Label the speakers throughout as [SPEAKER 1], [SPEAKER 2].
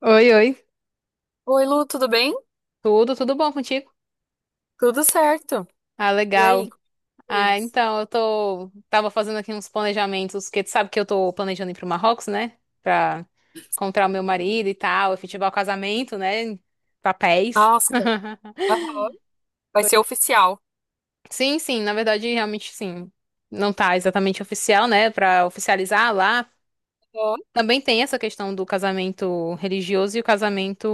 [SPEAKER 1] Oi, oi.
[SPEAKER 2] Oi, Lu, tudo bem?
[SPEAKER 1] Tudo, tudo bom contigo?
[SPEAKER 2] Tudo certo.
[SPEAKER 1] Ah,
[SPEAKER 2] E
[SPEAKER 1] legal.
[SPEAKER 2] aí, como
[SPEAKER 1] Ah,
[SPEAKER 2] coisas?
[SPEAKER 1] então, tava fazendo aqui uns planejamentos, porque tu sabe que eu tô planejando ir pro Marrocos, né? Pra encontrar o meu marido e tal, efetivar o casamento, né? Papéis.
[SPEAKER 2] Nossa, aham. Vai ser oficial.
[SPEAKER 1] Sim, sim, na verdade, realmente, sim. Não tá exatamente oficial, né? Pra oficializar lá.
[SPEAKER 2] Aham.
[SPEAKER 1] Também tem essa questão do casamento religioso e o casamento,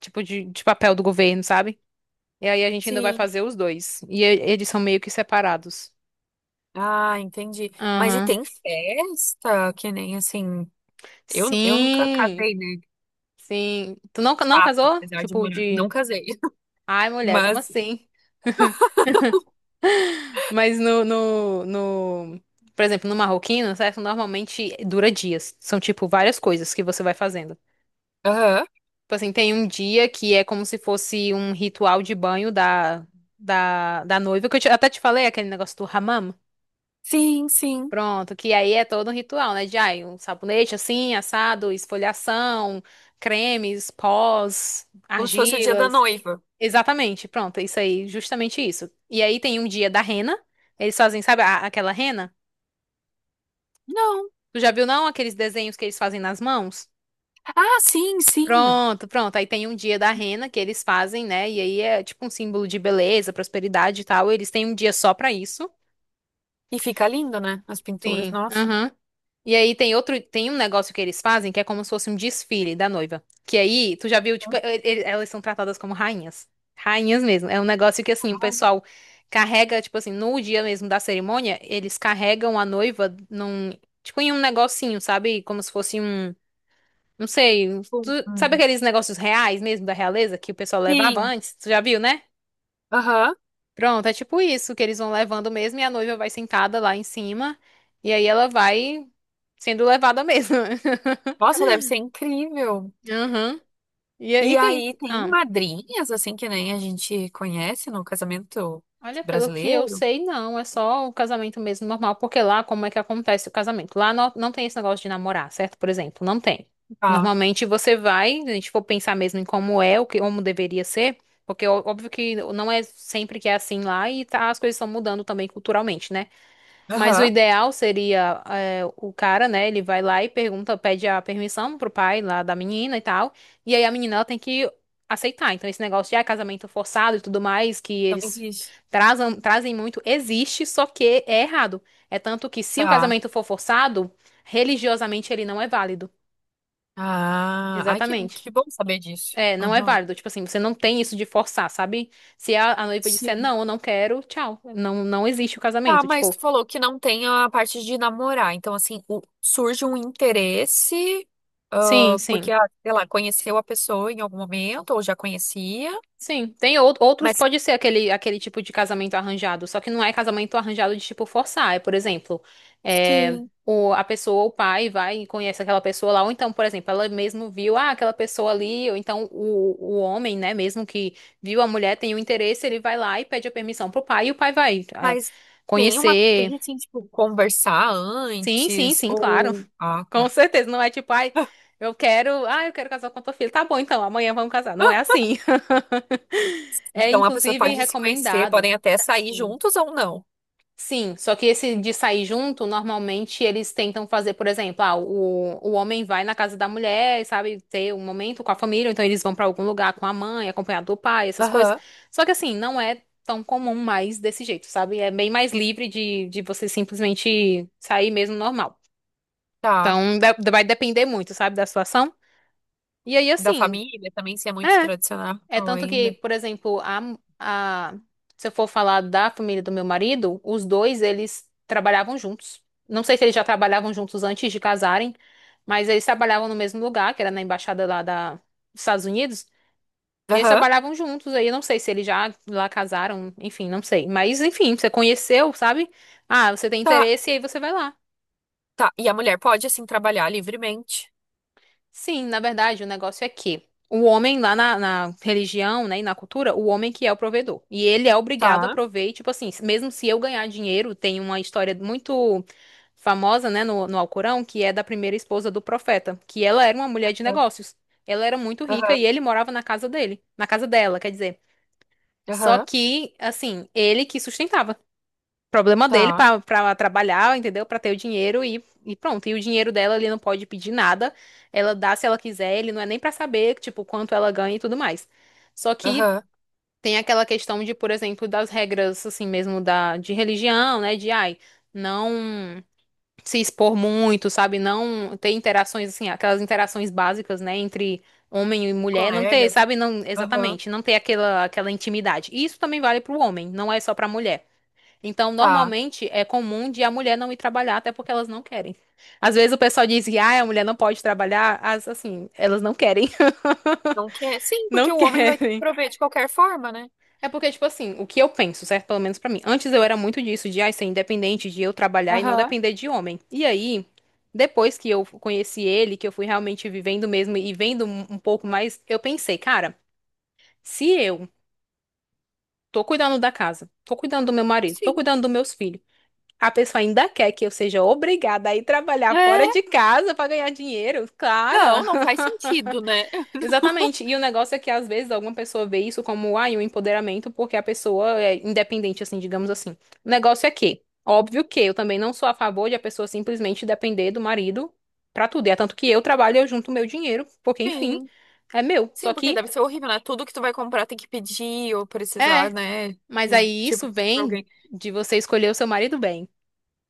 [SPEAKER 1] tipo, de papel do governo, sabe? E aí a gente ainda vai
[SPEAKER 2] Sim.
[SPEAKER 1] fazer os dois. E eles são meio que separados.
[SPEAKER 2] Ah, entendi. Mas e
[SPEAKER 1] Aham.
[SPEAKER 2] tem festa? Que nem assim. Eu nunca
[SPEAKER 1] Sim,
[SPEAKER 2] casei, né? De
[SPEAKER 1] sim. Tu não, não
[SPEAKER 2] fato,
[SPEAKER 1] casou?
[SPEAKER 2] apesar de
[SPEAKER 1] Tipo,
[SPEAKER 2] morar.
[SPEAKER 1] de.
[SPEAKER 2] Não casei.
[SPEAKER 1] Ai, mulher, como
[SPEAKER 2] Mas.
[SPEAKER 1] assim? Mas no. Por exemplo, no marroquino, certo? Normalmente dura dias. São, tipo, várias coisas que você vai fazendo.
[SPEAKER 2] Aham.
[SPEAKER 1] Tipo assim, tem um dia que é como se fosse um ritual de banho da noiva, que eu até te falei, aquele negócio do hammam.
[SPEAKER 2] Sim, sim.
[SPEAKER 1] Pronto, que aí é todo um ritual, né? De ai, um sabonete assim, assado, esfoliação, cremes, pós,
[SPEAKER 2] Como se fosse o dia da
[SPEAKER 1] argilas.
[SPEAKER 2] noiva.
[SPEAKER 1] Exatamente, pronto, isso aí, justamente isso. E aí tem um dia da rena, eles fazem, sabe, aquela rena?
[SPEAKER 2] Não.
[SPEAKER 1] Tu já viu, não, aqueles desenhos que eles fazem nas mãos?
[SPEAKER 2] Ah, sim, sim.
[SPEAKER 1] Pronto, pronto, aí tem um dia da rena que eles fazem, né? E aí é tipo um símbolo de beleza, prosperidade e tal. Eles têm um dia só pra isso.
[SPEAKER 2] E fica lindo, né? As pinturas,
[SPEAKER 1] Sim.
[SPEAKER 2] nossa.
[SPEAKER 1] Aham. E aí tem outro, tem um negócio que eles fazem que é como se fosse um desfile da noiva. Que aí, tu já viu, tipo, elas são tratadas como rainhas. Rainhas mesmo. É um negócio que assim, o
[SPEAKER 2] Ah,
[SPEAKER 1] pessoal carrega, tipo assim, no dia mesmo da cerimônia, eles carregam a noiva num, tipo, em um negocinho, sabe? Como se fosse um, não sei,
[SPEAKER 2] bom.
[SPEAKER 1] sabe
[SPEAKER 2] Hum.
[SPEAKER 1] aqueles negócios reais mesmo da realeza que o pessoal levava
[SPEAKER 2] Sim.
[SPEAKER 1] antes? Tu já viu, né?
[SPEAKER 2] Aham.
[SPEAKER 1] Pronto, é tipo isso que eles vão levando mesmo e a noiva vai sentada lá em cima e aí ela vai sendo levada mesmo.
[SPEAKER 2] Nossa, deve ser incrível.
[SPEAKER 1] Aham. E
[SPEAKER 2] E
[SPEAKER 1] tem.
[SPEAKER 2] aí tem
[SPEAKER 1] Ah,
[SPEAKER 2] madrinhas, assim, que nem a gente conhece no casamento
[SPEAKER 1] olha, pelo que eu
[SPEAKER 2] brasileiro.
[SPEAKER 1] sei, não. É só o casamento mesmo normal. Porque lá, como é que acontece o casamento? Lá não, não tem esse negócio de namorar, certo? Por exemplo, não tem.
[SPEAKER 2] Tá.
[SPEAKER 1] Normalmente você vai, se a gente for pensar mesmo em como é, o que, como deveria ser. Porque óbvio que não é sempre que é assim lá e as coisas estão mudando também culturalmente, né? Mas o
[SPEAKER 2] Aham.
[SPEAKER 1] ideal seria é, o cara, né? Ele vai lá e pergunta, pede a permissão pro pai lá da menina e tal. E aí a menina ela tem que aceitar. Então esse negócio de ah, casamento forçado e tudo mais que
[SPEAKER 2] Não
[SPEAKER 1] eles
[SPEAKER 2] existe.
[SPEAKER 1] trazem, trazem muito existe, só que é errado. É tanto que se o
[SPEAKER 2] Tá.
[SPEAKER 1] casamento for forçado, religiosamente ele não é válido.
[SPEAKER 2] Ah, ai,
[SPEAKER 1] Exatamente.
[SPEAKER 2] que bom saber disso.
[SPEAKER 1] É, não é
[SPEAKER 2] Aham.
[SPEAKER 1] válido. Tipo assim, você não tem isso de forçar, sabe? Se a noiva disser
[SPEAKER 2] Sim.
[SPEAKER 1] não, eu não quero, tchau. Não, não existe o
[SPEAKER 2] Tá,
[SPEAKER 1] casamento.
[SPEAKER 2] mas
[SPEAKER 1] Tipo,
[SPEAKER 2] tu falou que não tem a parte de namorar. Então, assim, o- surge um interesse,
[SPEAKER 1] sim,
[SPEAKER 2] ah, porque,
[SPEAKER 1] sim.
[SPEAKER 2] ah, sei lá, conheceu a pessoa em algum momento, ou já conhecia,
[SPEAKER 1] Sim, tem outros,
[SPEAKER 2] mas
[SPEAKER 1] pode ser aquele tipo de casamento arranjado, só que não é casamento arranjado de tipo forçar. É, por exemplo, é,
[SPEAKER 2] Sim.
[SPEAKER 1] a pessoa, o pai, vai e conhece aquela pessoa lá, ou então, por exemplo, ela mesmo viu, ah, aquela pessoa ali, ou então o homem, né, mesmo que viu a mulher, tem o interesse, ele vai lá e pede a permissão pro pai, e o pai vai, é,
[SPEAKER 2] mas tem uma,
[SPEAKER 1] conhecer.
[SPEAKER 2] tem assim, tipo, conversar
[SPEAKER 1] Sim, sim,
[SPEAKER 2] antes,
[SPEAKER 1] sim, claro.
[SPEAKER 2] ou. Ah,
[SPEAKER 1] Com
[SPEAKER 2] tá.
[SPEAKER 1] certeza, não é tipo, ai, eu quero, ah, eu quero casar com a tua filha. Tá bom, então, amanhã vamos casar. Não é assim. É
[SPEAKER 2] Então a pessoa
[SPEAKER 1] inclusive
[SPEAKER 2] pode se conhecer,
[SPEAKER 1] recomendado.
[SPEAKER 2] podem até sair
[SPEAKER 1] Sim.
[SPEAKER 2] juntos ou não.
[SPEAKER 1] Sim, só que esse de sair junto, normalmente eles tentam fazer, por exemplo, ah, o homem vai na casa da mulher, sabe, ter um momento com a família, ou então eles vão pra algum lugar com a mãe, acompanhado do pai, essas coisas.
[SPEAKER 2] Aham,
[SPEAKER 1] Só que assim, não é tão comum mais desse jeito, sabe? É bem mais livre de você simplesmente sair mesmo normal.
[SPEAKER 2] tá.
[SPEAKER 1] Então, vai depender muito, sabe, da situação. E aí,
[SPEAKER 2] Da
[SPEAKER 1] assim.
[SPEAKER 2] família também, se é muito
[SPEAKER 1] É.
[SPEAKER 2] tradicional
[SPEAKER 1] É tanto que,
[SPEAKER 2] ainda.
[SPEAKER 1] por exemplo, a, se eu for falar da família do meu marido, os dois, eles trabalhavam juntos. Não sei se eles já trabalhavam juntos antes de casarem, mas eles trabalhavam no mesmo lugar, que era na embaixada lá da, dos Estados Unidos. E eles
[SPEAKER 2] Aham,
[SPEAKER 1] trabalhavam juntos, aí eu não sei se eles já lá casaram, enfim, não sei. Mas, enfim, você conheceu, sabe? Ah, você tem
[SPEAKER 2] tá,
[SPEAKER 1] interesse e aí você vai lá.
[SPEAKER 2] tá. E a mulher pode, assim, trabalhar livremente.
[SPEAKER 1] Sim, na verdade, o negócio é que o homem lá na religião, né, e na cultura, o homem que é o provedor. E ele é obrigado a
[SPEAKER 2] Tá.
[SPEAKER 1] prover, e, tipo assim, mesmo se eu ganhar dinheiro, tem uma história muito famosa, né, no Alcorão, que é da primeira esposa do profeta, que ela era uma mulher de negócios. Ela era muito rica
[SPEAKER 2] Aham,
[SPEAKER 1] e ele morava na casa dele, na casa dela, quer dizer. Só
[SPEAKER 2] aham,
[SPEAKER 1] que, assim, ele que sustentava. Problema dele
[SPEAKER 2] tá.
[SPEAKER 1] pra trabalhar, entendeu? Pra ter o dinheiro e pronto. E o dinheiro dela, ele não pode pedir nada. Ela dá se ela quiser, ele não é nem pra saber, tipo, quanto ela ganha e tudo mais. Só que
[SPEAKER 2] Aham.
[SPEAKER 1] tem aquela questão de, por exemplo, das regras, assim mesmo, de religião, né? De, ai, não se expor muito, sabe? Não ter interações, assim, aquelas interações básicas, né? Entre homem e mulher, não ter,
[SPEAKER 2] Colegas.
[SPEAKER 1] sabe? Não,
[SPEAKER 2] Aham,
[SPEAKER 1] exatamente, não ter aquela intimidade. E isso também vale pro homem, não é só pra mulher. Então,
[SPEAKER 2] tá.
[SPEAKER 1] normalmente é comum de a mulher não ir trabalhar, até porque elas não querem. Às vezes o pessoal diz que ah, a mulher não pode trabalhar, as assim, elas não querem.
[SPEAKER 2] Não quer? Sim,
[SPEAKER 1] Não
[SPEAKER 2] porque o homem
[SPEAKER 1] quer.
[SPEAKER 2] vai ter que prover de qualquer forma, né?
[SPEAKER 1] É porque, tipo assim, o que eu penso, certo? Pelo menos pra mim. Antes eu era muito disso, de ai, ser independente, de eu trabalhar e não
[SPEAKER 2] Aham,
[SPEAKER 1] depender de homem. E aí, depois que eu conheci ele, que eu fui realmente vivendo mesmo e vendo um pouco mais, eu pensei, cara, se eu tô cuidando da casa, tô cuidando do meu marido, tô
[SPEAKER 2] sim.
[SPEAKER 1] cuidando dos meus filhos. A pessoa ainda quer que eu seja obrigada a ir trabalhar fora
[SPEAKER 2] É,
[SPEAKER 1] de casa para ganhar dinheiro, cara.
[SPEAKER 2] não, não faz sentido, né? Não.
[SPEAKER 1] Exatamente. E o negócio é que às vezes alguma pessoa vê isso como ai, um empoderamento porque a pessoa é independente, assim, digamos assim. O negócio é que, óbvio que eu também não sou a favor de a pessoa simplesmente depender do marido pra tudo. E é tanto que eu trabalho, e eu junto meu dinheiro, porque enfim,
[SPEAKER 2] Sim.
[SPEAKER 1] é meu. Só
[SPEAKER 2] Sim, porque
[SPEAKER 1] que
[SPEAKER 2] deve ser horrível, né? Tudo que tu vai comprar tem que pedir ou precisar,
[SPEAKER 1] é,
[SPEAKER 2] né?
[SPEAKER 1] mas aí
[SPEAKER 2] Tipo,
[SPEAKER 1] isso
[SPEAKER 2] pra
[SPEAKER 1] vem
[SPEAKER 2] alguém.
[SPEAKER 1] de você escolher o seu marido bem.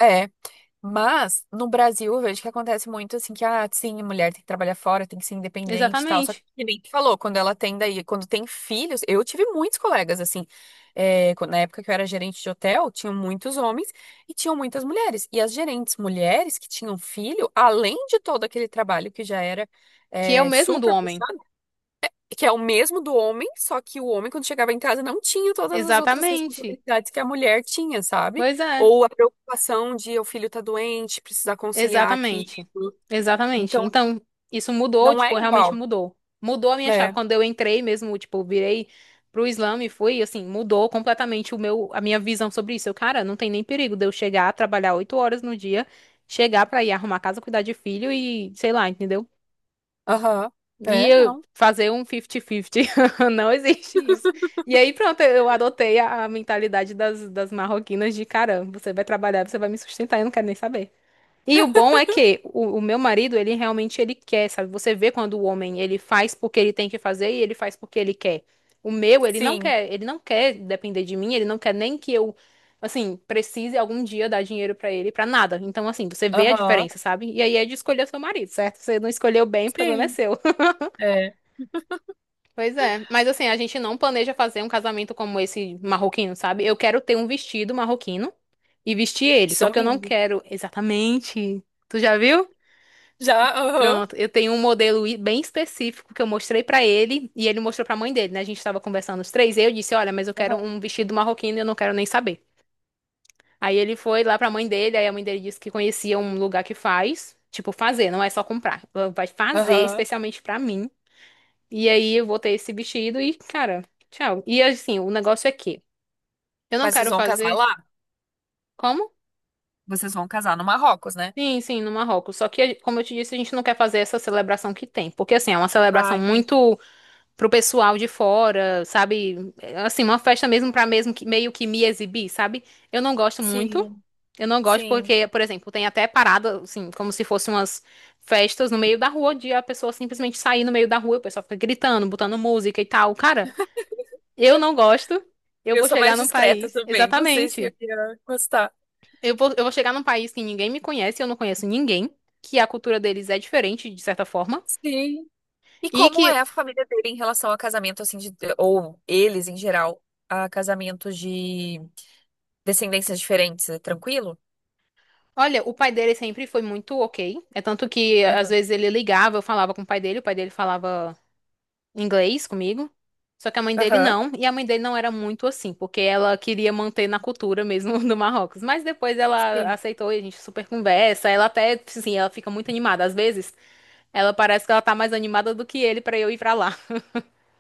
[SPEAKER 2] É, mas no Brasil eu vejo que acontece muito assim que, ah, sim, a mulher tem que trabalhar fora, tem que ser independente e tal. Só
[SPEAKER 1] Exatamente.
[SPEAKER 2] que nem tu falou, quando ela tem daí, quando tem filhos, eu tive muitos colegas assim, é, quando- na época que eu era gerente de hotel, tinham muitos homens e tinham muitas mulheres. E as gerentes mulheres que tinham filho, além de todo aquele trabalho que já era,
[SPEAKER 1] Que é o
[SPEAKER 2] é,
[SPEAKER 1] mesmo do
[SPEAKER 2] super
[SPEAKER 1] homem.
[SPEAKER 2] puxado que é o mesmo do homem, só que o homem, quando chegava em casa, não tinha todas as outras
[SPEAKER 1] Exatamente.
[SPEAKER 2] responsabilidades que a mulher tinha, sabe?
[SPEAKER 1] Pois é,
[SPEAKER 2] Ou a preocupação de o filho tá doente, precisar conciliar aqui.
[SPEAKER 1] exatamente. Exatamente.
[SPEAKER 2] Então,
[SPEAKER 1] Então, isso mudou,
[SPEAKER 2] não é
[SPEAKER 1] tipo, realmente
[SPEAKER 2] igual.
[SPEAKER 1] mudou. Mudou a minha chave.
[SPEAKER 2] É,
[SPEAKER 1] Quando eu entrei mesmo, tipo, virei pro Islã e fui, assim, mudou completamente o meu, a minha visão sobre isso. Eu, cara, não tem nem perigo de eu chegar, trabalhar oito horas no dia, chegar pra ir arrumar casa, cuidar de filho e, sei lá, entendeu?
[SPEAKER 2] aham.
[SPEAKER 1] E
[SPEAKER 2] É,
[SPEAKER 1] eu
[SPEAKER 2] não.
[SPEAKER 1] fazer um 50-50. Não existe isso. E aí, pronto, eu adotei a mentalidade das marroquinas de, cara, você vai trabalhar, você vai me sustentar, eu não quero nem saber. E o bom é que o meu marido, ele realmente ele quer, sabe? Você vê quando o homem ele faz porque ele tem que fazer e ele faz porque ele quer. O meu,
[SPEAKER 2] Sim,
[SPEAKER 1] ele não quer depender de mim, ele não quer nem que eu, assim, precise algum dia dar dinheiro pra ele pra nada. Então, assim, você vê a
[SPEAKER 2] aham.
[SPEAKER 1] diferença, sabe? E aí é de escolher seu marido, certo? Você não escolheu bem, o problema é
[SPEAKER 2] Sim,
[SPEAKER 1] seu.
[SPEAKER 2] é.
[SPEAKER 1] Pois é, mas assim, a gente não planeja fazer um casamento como esse marroquino, sabe? Eu quero ter um vestido marroquino e vestir
[SPEAKER 2] Que
[SPEAKER 1] ele, só
[SPEAKER 2] são
[SPEAKER 1] que eu não
[SPEAKER 2] lindos.
[SPEAKER 1] quero exatamente. Tu já viu?
[SPEAKER 2] Já, aham.
[SPEAKER 1] Pronto, eu tenho um modelo bem específico que eu mostrei pra ele e ele mostrou pra mãe dele, né? A gente tava conversando os três e eu disse: "Olha, mas eu quero
[SPEAKER 2] Aham.
[SPEAKER 1] um vestido marroquino, e eu não quero nem saber". Aí ele foi lá pra mãe dele, aí a mãe dele disse que conhecia um lugar que faz, tipo fazer, não é só comprar. Ela vai fazer
[SPEAKER 2] Aham.
[SPEAKER 1] especialmente pra mim. E aí eu vou ter esse vestido e, cara, tchau. E assim, o negócio é que eu não
[SPEAKER 2] Mas vocês
[SPEAKER 1] quero
[SPEAKER 2] vão casar
[SPEAKER 1] fazer
[SPEAKER 2] lá?
[SPEAKER 1] como?
[SPEAKER 2] Vocês vão casar no Marrocos, né?
[SPEAKER 1] Sim, sim, no Marrocos. Só que, como eu te disse, a gente não quer fazer essa celebração que tem, porque assim, é uma
[SPEAKER 2] Ah,
[SPEAKER 1] celebração
[SPEAKER 2] entendi.
[SPEAKER 1] muito pro pessoal de fora, sabe? Assim, uma festa mesmo pra mesmo que meio que me exibir, sabe? Eu não gosto muito.
[SPEAKER 2] Sim,
[SPEAKER 1] Eu não gosto
[SPEAKER 2] sim.
[SPEAKER 1] porque, por exemplo, tem até parada, assim, como se fossem umas festas no meio da rua, onde a pessoa simplesmente sair no meio da rua, o pessoal fica gritando, botando música e tal. Cara, eu não gosto. Eu
[SPEAKER 2] Eu
[SPEAKER 1] vou
[SPEAKER 2] sou
[SPEAKER 1] chegar
[SPEAKER 2] mais
[SPEAKER 1] num
[SPEAKER 2] discreta
[SPEAKER 1] país,
[SPEAKER 2] também. Não sei se eu
[SPEAKER 1] exatamente.
[SPEAKER 2] ia gostar.
[SPEAKER 1] Eu vou chegar num país que ninguém me conhece, eu não conheço ninguém, que a cultura deles é diferente, de certa forma.
[SPEAKER 2] Sim, e
[SPEAKER 1] E
[SPEAKER 2] como
[SPEAKER 1] que
[SPEAKER 2] é a família dele em relação a casamento, assim, de, ou eles em geral, a casamentos de descendências diferentes? É tranquilo?
[SPEAKER 1] Olha, o pai dele sempre foi muito ok. É tanto que às
[SPEAKER 2] Aham.
[SPEAKER 1] vezes ele ligava, eu falava com o pai dele falava inglês comigo. Só que a mãe dele
[SPEAKER 2] Aham.
[SPEAKER 1] não, e a mãe dele não era muito assim, porque ela queria manter na cultura mesmo do Marrocos. Mas depois ela
[SPEAKER 2] Sim.
[SPEAKER 1] aceitou e a gente super conversa. Ela até, assim, ela fica muito animada. Às vezes, ela parece que ela tá mais animada do que ele pra eu ir pra lá.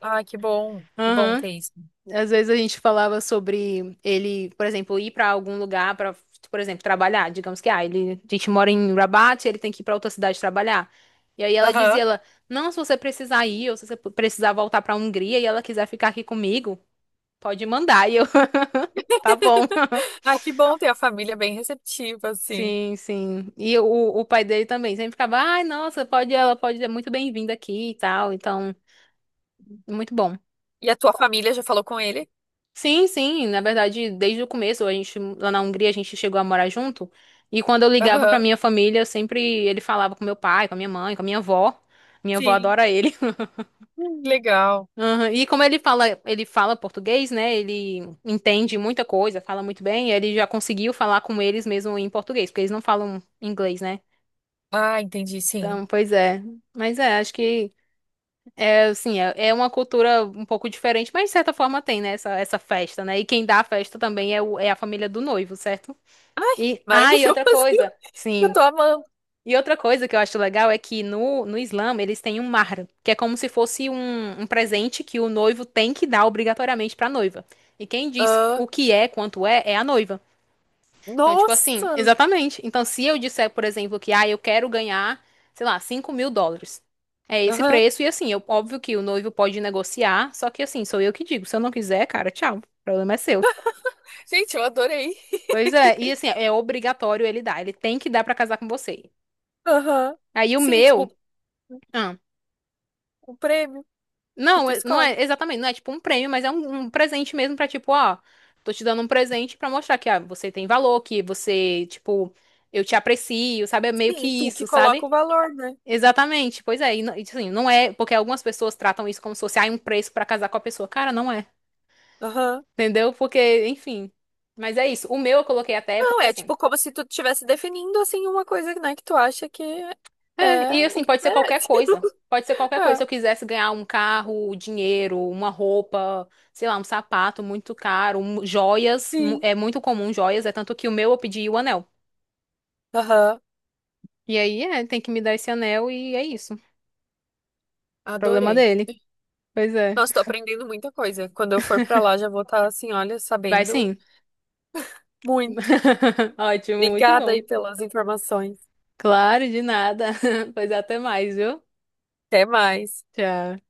[SPEAKER 2] Ah, que bom. Que bom ter isso.
[SPEAKER 1] Às vezes a gente falava sobre ele, por exemplo, ir para algum lugar para, por exemplo, trabalhar. Digamos que ah, ele, a gente mora em Rabat, ele tem que ir para outra cidade trabalhar. E aí ela dizia,
[SPEAKER 2] Aham.
[SPEAKER 1] ela, não, se você precisar ir, ou se você precisar voltar para a Hungria e ela quiser ficar aqui comigo, pode mandar. E eu, tá bom.
[SPEAKER 2] Ah, que bom ter a família bem receptiva, assim.
[SPEAKER 1] Sim, sim. O pai dele também sempre ficava, ai, nossa, pode, ela pode ser muito bem-vinda aqui e tal. Então, muito bom.
[SPEAKER 2] E a tua família já falou com ele?
[SPEAKER 1] Sim, sim, na verdade, desde o começo, a gente lá na Hungria a gente chegou a morar junto, e quando eu ligava pra
[SPEAKER 2] Aham.
[SPEAKER 1] minha família, eu sempre ele falava com meu pai, com a minha mãe, com a minha avó. Minha avó
[SPEAKER 2] Sim.
[SPEAKER 1] adora ele.
[SPEAKER 2] Que legal.
[SPEAKER 1] Aham, e como ele fala português, né? Ele entende muita coisa, fala muito bem, e ele já conseguiu falar com eles mesmo em português, porque eles não falam inglês, né?
[SPEAKER 2] Ah, entendi, sim.
[SPEAKER 1] Então, pois é. Mas é, acho que é assim, é uma cultura um pouco diferente, mas de certa forma tem, né, essa festa, né? E quem dá a festa também é a família do noivo, certo?
[SPEAKER 2] Ai,
[SPEAKER 1] E, ah, e outra
[SPEAKER 2] maravilhoso.
[SPEAKER 1] coisa,
[SPEAKER 2] Eu
[SPEAKER 1] sim.
[SPEAKER 2] tô amando.
[SPEAKER 1] E outra coisa que eu acho legal é que no Islã eles têm um mahar, que é como se fosse um presente que o noivo tem que dar obrigatoriamente pra noiva. E quem diz
[SPEAKER 2] Ah,
[SPEAKER 1] o que é, quanto é, é a noiva. Então, tipo assim,
[SPEAKER 2] nossa.
[SPEAKER 1] exatamente. Então, se eu disser, por exemplo, que ah, eu quero ganhar, sei lá, 5.000 dólares. É esse
[SPEAKER 2] Aham.
[SPEAKER 1] preço, e assim, eu, óbvio que o noivo pode negociar, só que assim, sou eu que digo. Se eu não quiser, cara, tchau. O problema é seu.
[SPEAKER 2] Gente, eu adorei.
[SPEAKER 1] Pois é, e assim, é obrigatório ele dar. Ele tem que dar pra casar com você.
[SPEAKER 2] Aham.
[SPEAKER 1] Aí o
[SPEAKER 2] Sim, é
[SPEAKER 1] meu.
[SPEAKER 2] tipo
[SPEAKER 1] Ah,
[SPEAKER 2] o prêmio que
[SPEAKER 1] não,
[SPEAKER 2] tu
[SPEAKER 1] é- não
[SPEAKER 2] escolhe.
[SPEAKER 1] é exatamente, não é tipo um prêmio, mas é um presente mesmo pra tipo, ó, tô te dando um presente pra mostrar que ah, você tem valor, que você, tipo, eu te aprecio, sabe? É meio que
[SPEAKER 2] Sim, tu
[SPEAKER 1] isso,
[SPEAKER 2] que coloca o
[SPEAKER 1] sabe?
[SPEAKER 2] valor, né?
[SPEAKER 1] Exatamente, pois é. E, não- e, tipo assim, não é, porque algumas pessoas tratam isso como se fosse, ah, um preço pra casar com a pessoa. Cara, não é.
[SPEAKER 2] Aham.
[SPEAKER 1] Entendeu? Porque, enfim. Mas é isso. O meu eu coloquei até
[SPEAKER 2] Não,
[SPEAKER 1] porque
[SPEAKER 2] é
[SPEAKER 1] assim.
[SPEAKER 2] tipo como se tu estivesse definindo assim uma coisa, né, que tu acha que
[SPEAKER 1] É,
[SPEAKER 2] é
[SPEAKER 1] e
[SPEAKER 2] o
[SPEAKER 1] assim,
[SPEAKER 2] que tu
[SPEAKER 1] pode ser qualquer
[SPEAKER 2] merece.
[SPEAKER 1] coisa. Pode ser qualquer coisa.
[SPEAKER 2] É,
[SPEAKER 1] Se eu quisesse ganhar um carro, dinheiro, uma roupa, sei lá, um sapato muito caro, um- joias, mu-
[SPEAKER 2] sim.
[SPEAKER 1] é muito comum joias, é tanto que o meu eu pedi o anel.
[SPEAKER 2] Aham.
[SPEAKER 1] E aí, é, tem que me dar esse anel e é isso. Problema
[SPEAKER 2] Adorei.
[SPEAKER 1] dele. Pois é.
[SPEAKER 2] Nossa, tô aprendendo muita coisa. Quando eu for pra lá, já vou estar assim, olha,
[SPEAKER 1] Vai
[SPEAKER 2] sabendo
[SPEAKER 1] sim.
[SPEAKER 2] muito.
[SPEAKER 1] Ótimo, muito
[SPEAKER 2] Obrigada aí
[SPEAKER 1] bom.
[SPEAKER 2] pelas informações.
[SPEAKER 1] Claro, de nada. Pois até mais, viu?
[SPEAKER 2] Até mais.
[SPEAKER 1] Tchau.